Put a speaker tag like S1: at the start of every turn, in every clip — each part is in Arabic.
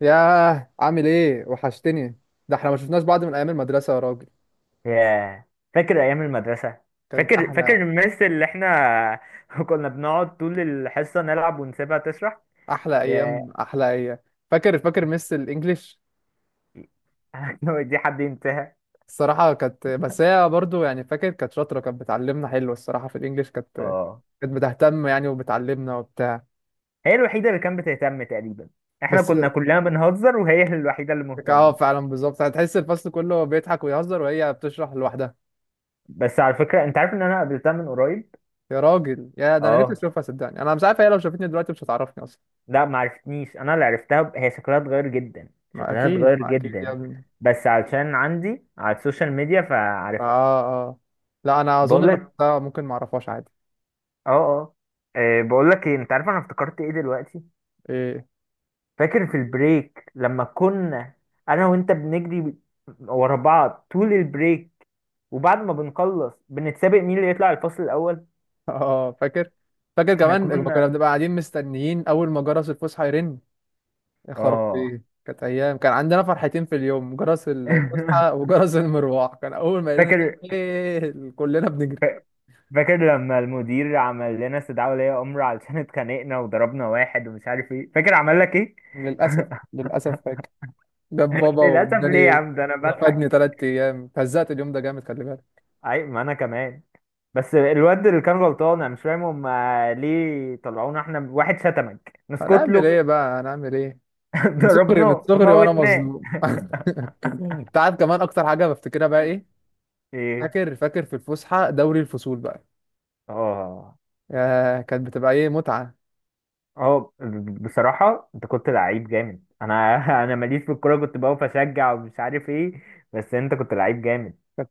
S1: ياه عامل ايه؟ وحشتني. ده احنا ما شفناش بعض من ايام المدرسة يا راجل.
S2: ياه، فاكر ايام المدرسه.
S1: كانت
S2: فاكر
S1: احلى.
S2: المس اللي احنا كنا بنقعد طول الحصه نلعب ونسيبها تشرح.
S1: احلى ايام
S2: ياه.
S1: احلى ايام. فاكر مس الانجليش.
S2: دي حد ينساها؟
S1: الصراحة كانت، بس هي برضو يعني فاكر كانت شاطرة، كانت بتعلمنا حلو الصراحة في الانجليش، كانت
S2: اه،
S1: كانت بتهتم يعني وبتعلمنا وبتاع.
S2: هي الوحيده اللي كانت بتهتم تقريبا. احنا
S1: بس
S2: كنا كلنا بنهزر وهي الوحيده اللي
S1: اه
S2: مهتمه.
S1: فعلا بالظبط، هتحس الفصل كله بيضحك ويهزر وهي بتشرح لوحدها.
S2: بس على فكره، انت عارف ان انا قابلتها من قريب؟
S1: يا راجل يا ده انا نفسي
S2: اه.
S1: اشوفها، صدقني انا مش عارف هي لو شافتني دلوقتي مش هتعرفني اصلا.
S2: لا، ما عرفتنيش، انا اللي عرفتها. هي شكلها اتغير جدا.
S1: ما
S2: شكلها
S1: اكيد
S2: اتغير
S1: ما اكيد يا
S2: جدا،
S1: ابني.
S2: بس علشان عندي على السوشيال ميديا فعارفها.
S1: اه اه لا انا اظن لو
S2: بقول لك،
S1: شفتها ممكن ما اعرفهاش عادي.
S2: اه اه. بقول لك ايه، انت عارف انا افتكرت ايه دلوقتي؟
S1: ايه؟
S2: فاكر في البريك لما كنا انا وانت بنجري ورا بعض طول البريك، وبعد ما بنخلص بنتسابق مين اللي يطلع الفصل الاول؟
S1: اه فاكر
S2: احنا
S1: كمان لما كنا
S2: كنا،
S1: بنبقى قاعدين مستنيين اول ما جرس الفسحه يرن. يا
S2: اه.
S1: خرابي، كانت ايام كان عندنا فرحتين في اليوم، جرس الفسحه وجرس المروح، كان اول ما يرن
S2: فاكر.
S1: كلنا بنجري.
S2: فا- فاكر لما المدير عمل لنا استدعاء ولي امر علشان اتخانقنا وضربنا واحد ومش عارف ايه؟ فاكر عمل لك ايه؟
S1: للاسف. للاسف فاكر. جاب بابا
S2: للاسف. ليه يا
S1: واداني.
S2: عم؟ ده انا
S1: رفدني
S2: بضحك.
S1: 3 ايام، فزقت اليوم ده جامد خلي بالك.
S2: عيب، ما انا كمان. بس الواد اللي كان غلطان، انا مش فاهم هم ليه طلعونا احنا؟ واحد شتمك، نسكت
S1: هنعمل
S2: له؟
S1: ايه بقى؟ هنعمل ايه؟ من صغري، من
S2: ضربناه
S1: صغري وانا
S2: موتناه.
S1: مظلوم. انت عارف كمان اكتر حاجه بفتكرها بقى ايه؟
S2: ايه؟
S1: فاكر في الفسحه دوري الفصول بقى.
S2: اه
S1: يا كانت بتبقى ايه متعه.
S2: اه. بصراحة انت كنت لعيب جامد. انا انا ماليش في الكورة، كنت بقف اشجع ومش عارف ايه، بس انت كنت لعيب جامد.
S1: كانت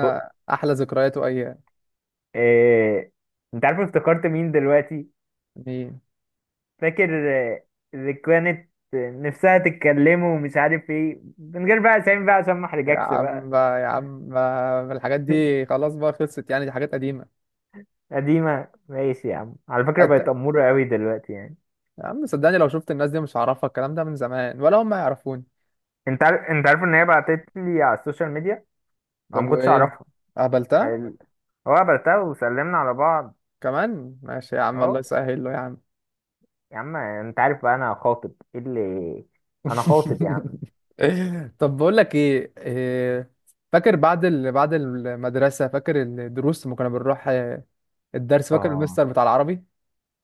S2: ب...
S1: احلى ذكريات وايام.
S2: إيه... انت عارف افتكرت مين دلوقتي؟
S1: يعني.
S2: فاكر آه، اللي كانت نفسها تتكلمه ومش عارف ايه، من غير بقى اسامي بقى عشان ما
S1: يا
S2: احرجكش
S1: عم
S2: بقى.
S1: بقى، يا عم بقى الحاجات دي خلاص بقى، خلصت يعني، دي حاجات قديمه.
S2: قديمة، ماشي يا عم. على فكرة بقت
S1: أنت...
S2: أمورة قوي دلوقتي يعني.
S1: يا عم صدقني لو شفت الناس دي مش هعرفها، الكلام ده من زمان، ولا هم يعرفوني.
S2: انت عارف ان هي بعتت لي على السوشيال ميديا. انا ما
S1: طب
S2: كنتش
S1: وايه؟
S2: اعرفها.
S1: قابلتها؟
S2: ال- هو قابلتها وسلمنا على بعض.
S1: كمان ماشي يا عم، الله
S2: اهو.
S1: يسهل له يا عم.
S2: يا عم، انت عارف بقى انا خاطب؟ ايه اللي؟ انا خاطب يا عم.
S1: طب بقول لك ايه؟ فاكر بعد بعد المدرسه؟ فاكر الدروس لما كنا بنروح؟ الدرس، فاكر المستر
S2: اه
S1: بتاع العربي.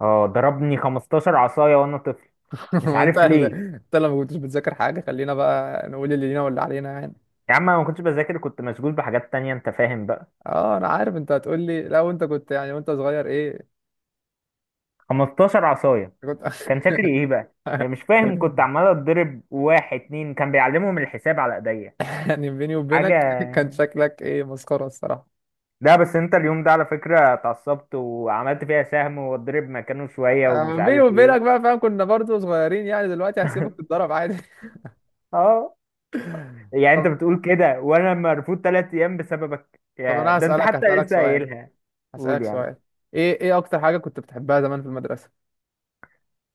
S2: اه. ضربني 15 عصاية وانا طفل. مش
S1: ما انت
S2: عارف ليه.
S1: انت لما كنتش بتذاكر حاجه، خلينا بقى نقول اللي لينا واللي علينا يعني.
S2: يا عم انا ما كنتش بذاكر، كنت مشغول بحاجات تانية، انت فاهم بقى.
S1: اه انا عارف انت هتقول لي لا، وانت كنت يعني وانت صغير ايه.
S2: 15 عصاية!
S1: كنت.
S2: كان شكلي ايه بقى؟ مش فاهم. كنت عمال اتضرب، واحد اتنين كان بيعلمهم الحساب على ايديا.
S1: يعني بيني وبينك كان
S2: حاجة.
S1: شكلك ايه؟ مسخره الصراحه.
S2: لا بس انت اليوم ده على فكرة اتعصبت وعملت فيها سهم واتضرب مكانه شوية ومش
S1: بيني
S2: عارف
S1: وبينك
S2: ايه.
S1: بقى فاهم، كنا برضو صغيرين يعني، دلوقتي هسيبك تتضرب عادي.
S2: اه. يعني انت
S1: طب.
S2: بتقول كده وانا مرفوض 3 ايام بسببك
S1: طب
S2: يا
S1: انا
S2: ده، انت
S1: هسالك
S2: حتى
S1: هسالك
S2: لسه
S1: سؤال.
S2: قايلها. قول
S1: هسألك
S2: يا عم.
S1: سؤال. ايه ايه اكتر حاجة كنت بتحبها زمان في المدرسة؟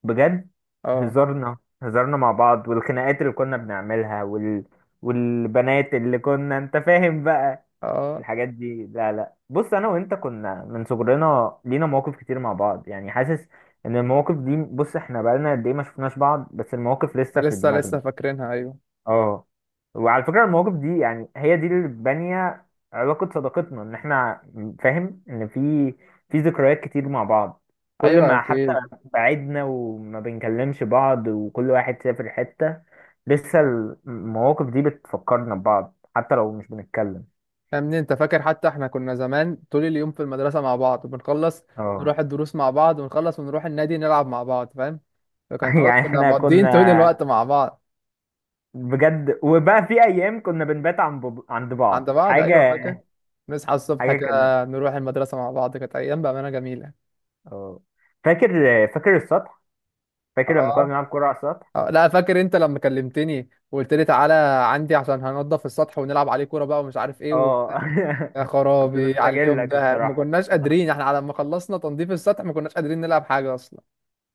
S2: بجد،
S1: اه
S2: هزارنا هزارنا مع بعض، والخناقات اللي كنا بنعملها، والبنات اللي كنا، انت فاهم بقى.
S1: اه.
S2: الحاجات دي. لا لا، بص، انا وانت كنا من صغرنا لينا مواقف كتير مع بعض، يعني حاسس ان المواقف دي، بص احنا بقالنا قد ايه ما شفناش بعض بس المواقف لسه في
S1: لسه
S2: دماغنا.
S1: لسه فاكرينها ايوه.
S2: اه. وعلى فكرة المواقف دي يعني هي دي اللي بانية علاقة صداقتنا، ان احنا فاهم ان في، في ذكريات كتير مع بعض. كل
S1: ايوه
S2: ما حتى
S1: اكيد.
S2: بعدنا وما بنكلمش بعض وكل واحد سافر حتة، لسه المواقف دي بتفكرنا ببعض حتى لو مش بنتكلم.
S1: يا ابني انت فاكر حتى احنا كنا زمان طول اليوم في المدرسة مع بعض، بنخلص
S2: اه.
S1: نروح الدروس مع بعض، ونخلص ونروح النادي نلعب مع بعض، فاهم؟ فكان خلاص
S2: يعني
S1: كنا
S2: احنا
S1: مقضيين طول
S2: كنا
S1: الوقت مع بعض.
S2: بجد، وبقى في ايام كنا بنبات عن عند
S1: عند
S2: بعض.
S1: بعض ايوه
S2: حاجه.
S1: فاكر. نصحى الصبح
S2: حاجه
S1: كده،
S2: كان،
S1: نروح المدرسة مع بعض، كانت ايام بأمانة جميلة.
S2: اه فاكر. فاكر السطح، فاكر لما كنا
S1: اه.
S2: بنلعب كوره على السطح؟
S1: لا فاكر انت لما كلمتني وقلت لي تعالى عندي عشان هننضف السطح ونلعب عليه كورة بقى ومش عارف ايه.
S2: اه.
S1: يا
S2: كنت
S1: خرابي على اليوم
S2: بستجلك
S1: ده، ما
S2: الصراحه.
S1: كناش قادرين احنا على ما خلصنا تنظيف السطح ما كناش قادرين نلعب حاجة اصلا.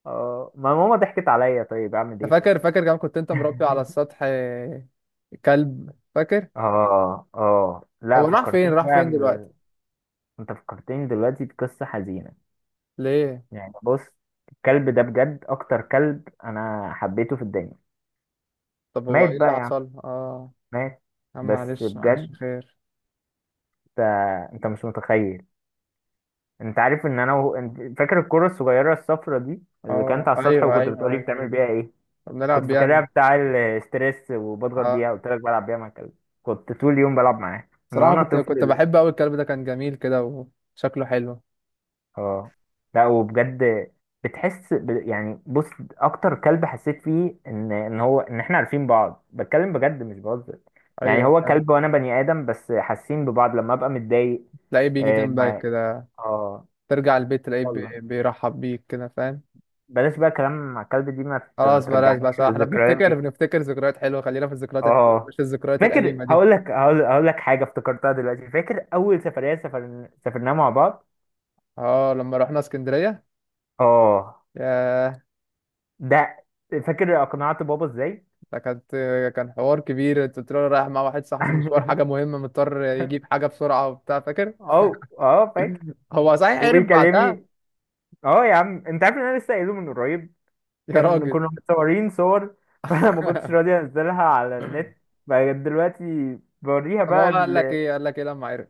S2: اه ما ماما ضحكت عليا، طيب اعمل
S1: انت
S2: ايه؟
S1: فاكر؟ فاكر كمان كنت انت مربي على السطح كلب؟ فاكر.
S2: اه اه. لا
S1: هو راح فين؟
S2: فكرتني
S1: راح
S2: بقى
S1: فين دلوقتي؟
S2: انت فكرتني دلوقتي بقصه حزينه.
S1: ليه؟
S2: يعني بص، الكلب ده بجد اكتر كلب انا حبيته في الدنيا.
S1: طب هو
S2: مات
S1: ايه اللي
S2: بقى يا عم،
S1: حصل؟ اه،
S2: مات.
S1: يا عم
S2: بس
S1: معلش
S2: بجد،
S1: معلش خير.
S2: انت مش متخيل. انت عارف ان انا انت فاكر الكرة الصغيرة الصفرة دي اللي كانت
S1: اه
S2: على السطح
S1: ايوه
S2: وكنت
S1: ايوه
S2: بتقولي بتعمل
S1: ايوه.
S2: بيها ايه؟
S1: طب
S2: كنت
S1: نلعب
S2: فاكرها
S1: يعني.
S2: بتاع الاستريس وبضغط
S1: اه.
S2: بيها، قلت لك بلعب بيها مع الكلب. كنت طول اليوم بلعب معاه من
S1: صراحة
S2: وانا
S1: كنت
S2: طفل.
S1: كنت بحب قوي الكلب ده، كان جميل كده وشكله حلو.
S2: اه. لا وبجد، بتحس يعني بص، اكتر كلب حسيت فيه ان ان هو ان احنا عارفين بعض، بتكلم بجد مش بهزر. يعني
S1: ايوه
S2: هو
S1: فاهم.
S2: كلب وانا بني ادم بس حاسين ببعض، لما ابقى متضايق.
S1: تلاقيه بيجي
S2: اه
S1: جنبك
S2: ما...
S1: كده.
S2: اه.
S1: ترجع البيت تلاقيه
S2: يلا
S1: بيرحب بيك كده، فاهم؟
S2: بلاش بقى كلام مع الكلب دي، ما
S1: خلاص بلاش
S2: ترجعنيش
S1: بلاش. احنا
S2: للذكريات
S1: بنفتكر،
S2: دي.
S1: بنفتكر ذكريات حلوه، خلينا في الذكريات الحلوه
S2: اه.
S1: مش الذكريات
S2: فاكر،
S1: الأليمة دي.
S2: هقول لك، هقول لك حاجه افتكرتها دلوقتي. فاكر اول سفريه سافرناها مع بعض؟
S1: اه لما رحنا اسكندريه.
S2: اه.
S1: ياه.
S2: ده فاكر اقنعت بابا ازاي؟
S1: ده كانت. كان حوار كبير، كنت رايح رايح مع واحد صاحبي مشوار حاجه مهمه مضطر يجيب حاجه بسرعه وبتاع، فاكر؟
S2: اه اه فاكر.
S1: هو صحيح عرف بعدها؟
S2: وبيكلمني اه، يا عم انت عارف ان انا لسه قايله من قريب؟
S1: يا
S2: كان
S1: راجل.
S2: كنا متصورين صور، فانا ما كنتش راضي انزلها على النت بقى. دلوقتي بوريها
S1: طب هو
S2: بقى.
S1: قال لك ايه؟ قال لك ايه لما عرف؟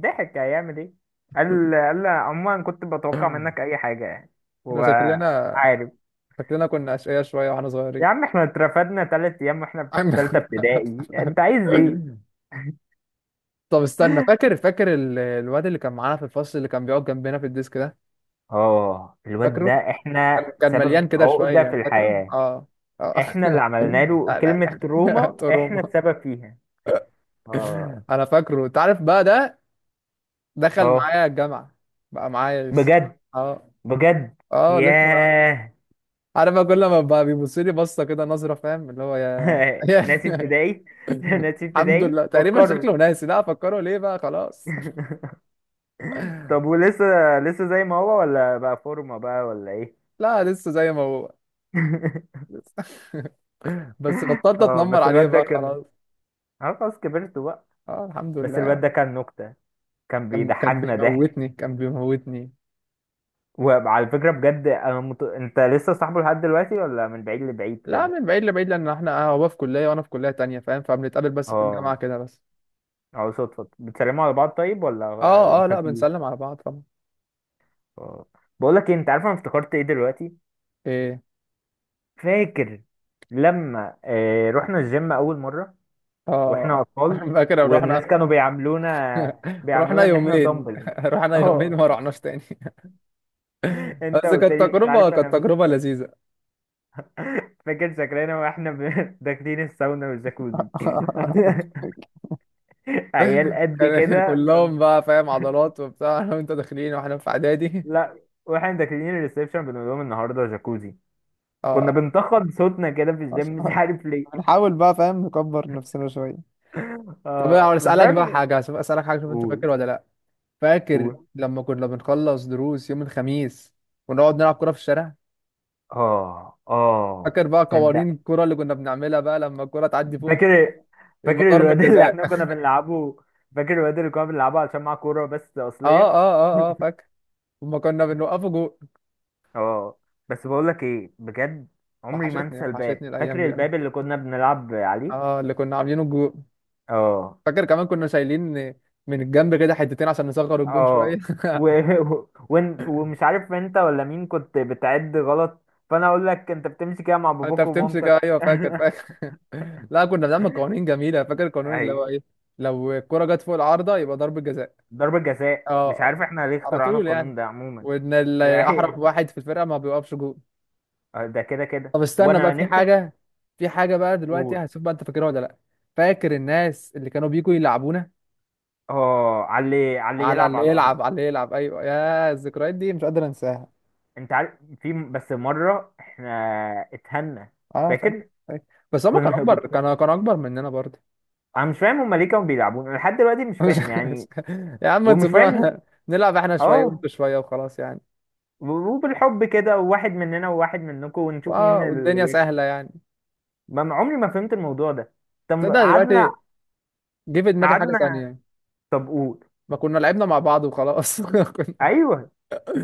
S2: ضحك، هيعمل ايه؟ قال لي عموما كنت بتوقع منك اي حاجه يعني.
S1: احنا
S2: هو
S1: شكلنا،
S2: عارف.
S1: شكلنا كنا اشقياء شويه واحنا
S2: يا
S1: صغيرين.
S2: عم احنا اترفدنا 3 ايام واحنا في تالتة ابتدائي، انت عايز ايه؟
S1: طب استنى، فاكر؟ فاكر الواد اللي كان معانا في الفصل اللي كان بيقعد جنبنا في الديسك ده؟
S2: اه الواد ده
S1: فاكره؟
S2: احنا
S1: كان كان مليان
S2: سبب
S1: كده
S2: عقده في
S1: شويه، فاكره؟
S2: الحياه.
S1: اه. اه.
S2: احنا اللي عملنا له
S1: لا.
S2: كلمه
S1: لا.
S2: تروما، احنا
S1: تروما.
S2: السبب فيها. اه
S1: انا فاكره، انت عارف بقى ده دخل
S2: اه.
S1: معايا الجامعه. بقى معايا لسه.
S2: بجد،
S1: اه.
S2: بجد.
S1: اه لسه بقى.
S2: ياه.
S1: عارف بقى كل ما بقى بيبص لي بصه كده نظره، فاهم اللي هو، يا.
S2: ناسي
S1: يا-.
S2: ابتدائي. ناسي
S1: الحمد
S2: ابتدائي
S1: لله تقريبا
S2: فكروا.
S1: شكله ناسي، لا افكره ليه بقى خلاص.
S2: طب ولسه لسه زي ما هو ولا بقى فورمة بقى ولا ايه؟
S1: لا لسه زي ما هو. لسه. بس بطلت
S2: اه
S1: اتنمر
S2: بس
S1: عليه
S2: الواد ده
S1: بقى
S2: كان،
S1: خلاص.
S2: اه خلاص كبرت بقى.
S1: اه الحمد
S2: بس
S1: لله
S2: الواد ده
S1: يعني.
S2: كان نكتة، كان
S1: كان
S2: بيضحكنا ضحك.
S1: بيموتني، كان بيموتني.
S2: وعلى فكرة بجد انا انت لسه صاحبه لحد دلوقتي، ولا من بعيد لبعيد
S1: لا
S2: كده؟
S1: من بعيد لبعيد، لان احنا هو في كليه وانا في كليه تانية، فاهم؟ فبنتقابل بس في الجامعه
S2: اه
S1: كده بس.
S2: اه. صدفة بتسلموا على بعض طيب ولا؟
S1: اه اه لا
S2: مفيش.
S1: بنسلم على بعض طبعا.
S2: اه. بقول لك انت عارف انا افتكرت ايه دلوقتي؟
S1: ايه.
S2: فاكر لما رحنا الجيم اول مرة واحنا
S1: اه
S2: اطفال،
S1: فاكر
S2: والناس
S1: رحنا.
S2: كانوا بيعاملونا،
S1: رحنا
S2: بيعاملونا ان احنا
S1: يومين،
S2: دمبل؟
S1: رحنا يومين
S2: اه.
S1: ما رحناش تاني.
S2: انت
S1: بس
S2: قلت
S1: كانت
S2: لي مش
S1: تجربه،
S2: عارف
S1: كانت
S2: انا.
S1: تجربه لذيذه.
S2: فاكر شكلنا واحنا داخلين الساونا والجاكوزي؟ عيال قد
S1: كان
S2: كده.
S1: كلهم بقى فاهم عضلات وبتاع، انا وانت داخلين واحنا في اعدادي.
S2: لا واحنا داخلين الريسبشن بنقول لهم النهارده جاكوزي. كنا
S1: اه.
S2: بنتخض صوتنا كده في الجيم، مش
S1: عشان-
S2: عارف ليه.
S1: هنحاول بقى فاهم نكبر نفسنا شوية. طب
S2: اه
S1: انا
S2: بس
S1: اسالك بقى
S2: فاهم.
S1: حاجه، اسالك حاجه، شوف انت
S2: قول،
S1: فاكر ولا لا. فاكر
S2: قول.
S1: لما كنا بنخلص دروس يوم الخميس، ونقعد نلعب كرة في الشارع؟
S2: اه اه.
S1: فاكر بقى
S2: تصدق؟
S1: قوانين الكرة اللي كنا بنعملها بقى؟ لما الكرة تعدي فوق الطوبة
S2: فاكر.
S1: يبقى
S2: فاكر
S1: ضربة
S2: الواد اللي
S1: جزاء.
S2: احنا كنا بنلعبه، فاكر الواد اللي كنا بنلعبه عشان معاه كورة بس
S1: اه اه
S2: أصلية؟
S1: اه اه فاكر. وما كنا بنوقفه جول.
S2: اه. بس بقولك ايه بجد، عمري ما
S1: وحشتني،
S2: انسى الباب.
S1: وحشتني الايام
S2: فاكر
S1: دي قوي.
S2: الباب اللي كنا بنلعب عليه؟
S1: اه اللي كنا عاملينه الجول.
S2: اه.
S1: فاكر كمان كنا شايلين من الجنب كده حتتين عشان نصغر الجون شوية.
S2: اه و... ومش عارف انت ولا مين كنت بتعد غلط، فانا اقول لك انت بتمشي كده مع
S1: انت
S2: باباك
S1: بتمسك،
S2: ومامتك.
S1: ايوه فاكر فاكر. لا كنا بنعمل قوانين جميلة، فاكر القانون اللي هو
S2: ايوه.
S1: ايه؟ لو الكرة جت فوق العارضة يبقى ضربة جزاء.
S2: ضربة جزاء، مش عارف
S1: اه،
S2: احنا ليه
S1: على
S2: اخترعنا
S1: طول يعني.
S2: القانون ده عموما.
S1: وان
S2: ده
S1: احرف واحد في الفرقه ما بيوقفش جول.
S2: ده كده كده،
S1: طب استنى بقى،
S2: وانا
S1: في
S2: نفسي
S1: حاجه، في حاجه بقى دلوقتي
S2: اقول.
S1: هشوف بقى انت فاكرها ولا لا. فاكر الناس اللي كانوا بيجوا يلعبونا؟
S2: اه، على اللي، على اللي
S1: على
S2: يلعب
S1: اللي
S2: على الارض.
S1: يلعب، على اللي يلعب، ايوه، يا الذكريات دي مش قادر انساها.
S2: انت عارف في بس مره احنا اتهنا؟
S1: اه فاكر
S2: فاكر.
S1: فاكر. بس هما كانوا
S2: كنا
S1: اكبر،
S2: كنت،
S1: كانوا اكبر مننا برضه.
S2: انا مش فاهم هما ليه كانوا بيلعبونا، أنا لحد دلوقتي مش
S1: مش-
S2: فاهم
S1: مش-
S2: يعني.
S1: يا عم
S2: ومش فاهم.
S1: تسيبونا نلعب احنا شويه
S2: اه.
S1: وانتوا شويه وخلاص يعني.
S2: و- وبالحب كده، وواحد مننا وواحد منكم، ونشوف مين
S1: واه والدنيا
S2: اللي يكسب.
S1: سهله يعني.
S2: عمري ما فهمت الموضوع ده. طب
S1: تصدق دلوقتي
S2: قعدنا،
S1: جه في دماغي حاجه
S2: قعدنا.
S1: تانية.
S2: طب قول.
S1: ما كنا لعبنا مع بعض وخلاص.
S2: ايوه.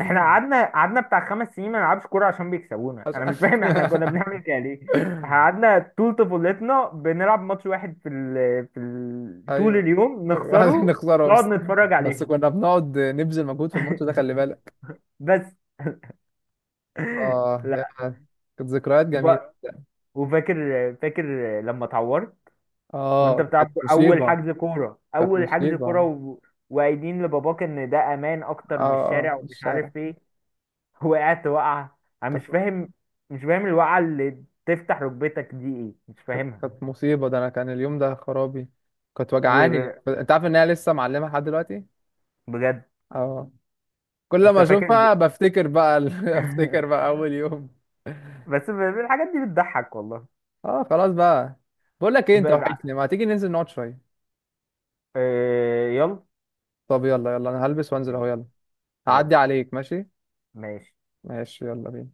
S2: احنا قعدنا، قعدنا بتاع 5 سنين ما نلعبش كوره عشان بيكسبونا، انا مش فاهم احنا كنا بنعمل كده ليه. قعدنا طول طفولتنا بنلعب ماتش واحد طول
S1: ايوه.
S2: اليوم
S1: عشان
S2: نخسره،
S1: نخسره
S2: نقعد
S1: بس.
S2: نتفرج
S1: بس
S2: عليهم.
S1: كنا بنقعد نبذل مجهود في الماتش ده خلي بالك.
S2: بس.
S1: اه يا
S2: لا
S1: كانت ذكريات
S2: وب...
S1: جميلة.
S2: وفاكر. فاكر لما اتعورت وانت
S1: اه
S2: بتلعب
S1: كانت
S2: كورة، اول
S1: مصيبة.
S2: حجز كوره،
S1: كانت
S2: اول حجز
S1: مصيبة
S2: كوره
S1: اه.
S2: وقايلين لباباك ان ده امان اكتر من الشارع
S1: اه
S2: ومش
S1: الشارع.
S2: عارف ايه؟ وقعت وقعه، انا
S1: كانت.
S2: مش فاهم، مش فاهم الوقعه اللي تفتح ركبتك دي ايه، مش
S1: كانت
S2: فاهمها.
S1: كانت مصيبة، ده انا كان اليوم ده خرابي. كانت وجعاني،
S2: وبجد
S1: انت عارف ان هي لسه معلمة لحد دلوقتي. اه. كل
S2: انت
S1: ما
S2: فاكر.
S1: اشوفها بفتكر بقى بفتكر بقى اول يوم.
S2: بس الحاجات دي بتضحك والله.
S1: اه خلاص بقى. بقول لك ايه؟
S2: ب-
S1: انت
S2: ب-
S1: وحشني، ما تيجي ننزل نقعد شوية؟
S2: يلا.
S1: طب يلا يلا انا هلبس وانزل اهو،
S2: يلا.
S1: يلا.
S2: يلا.
S1: هعدي عليك، ماشي.
S2: ماشي.
S1: ماشي يلا بينا.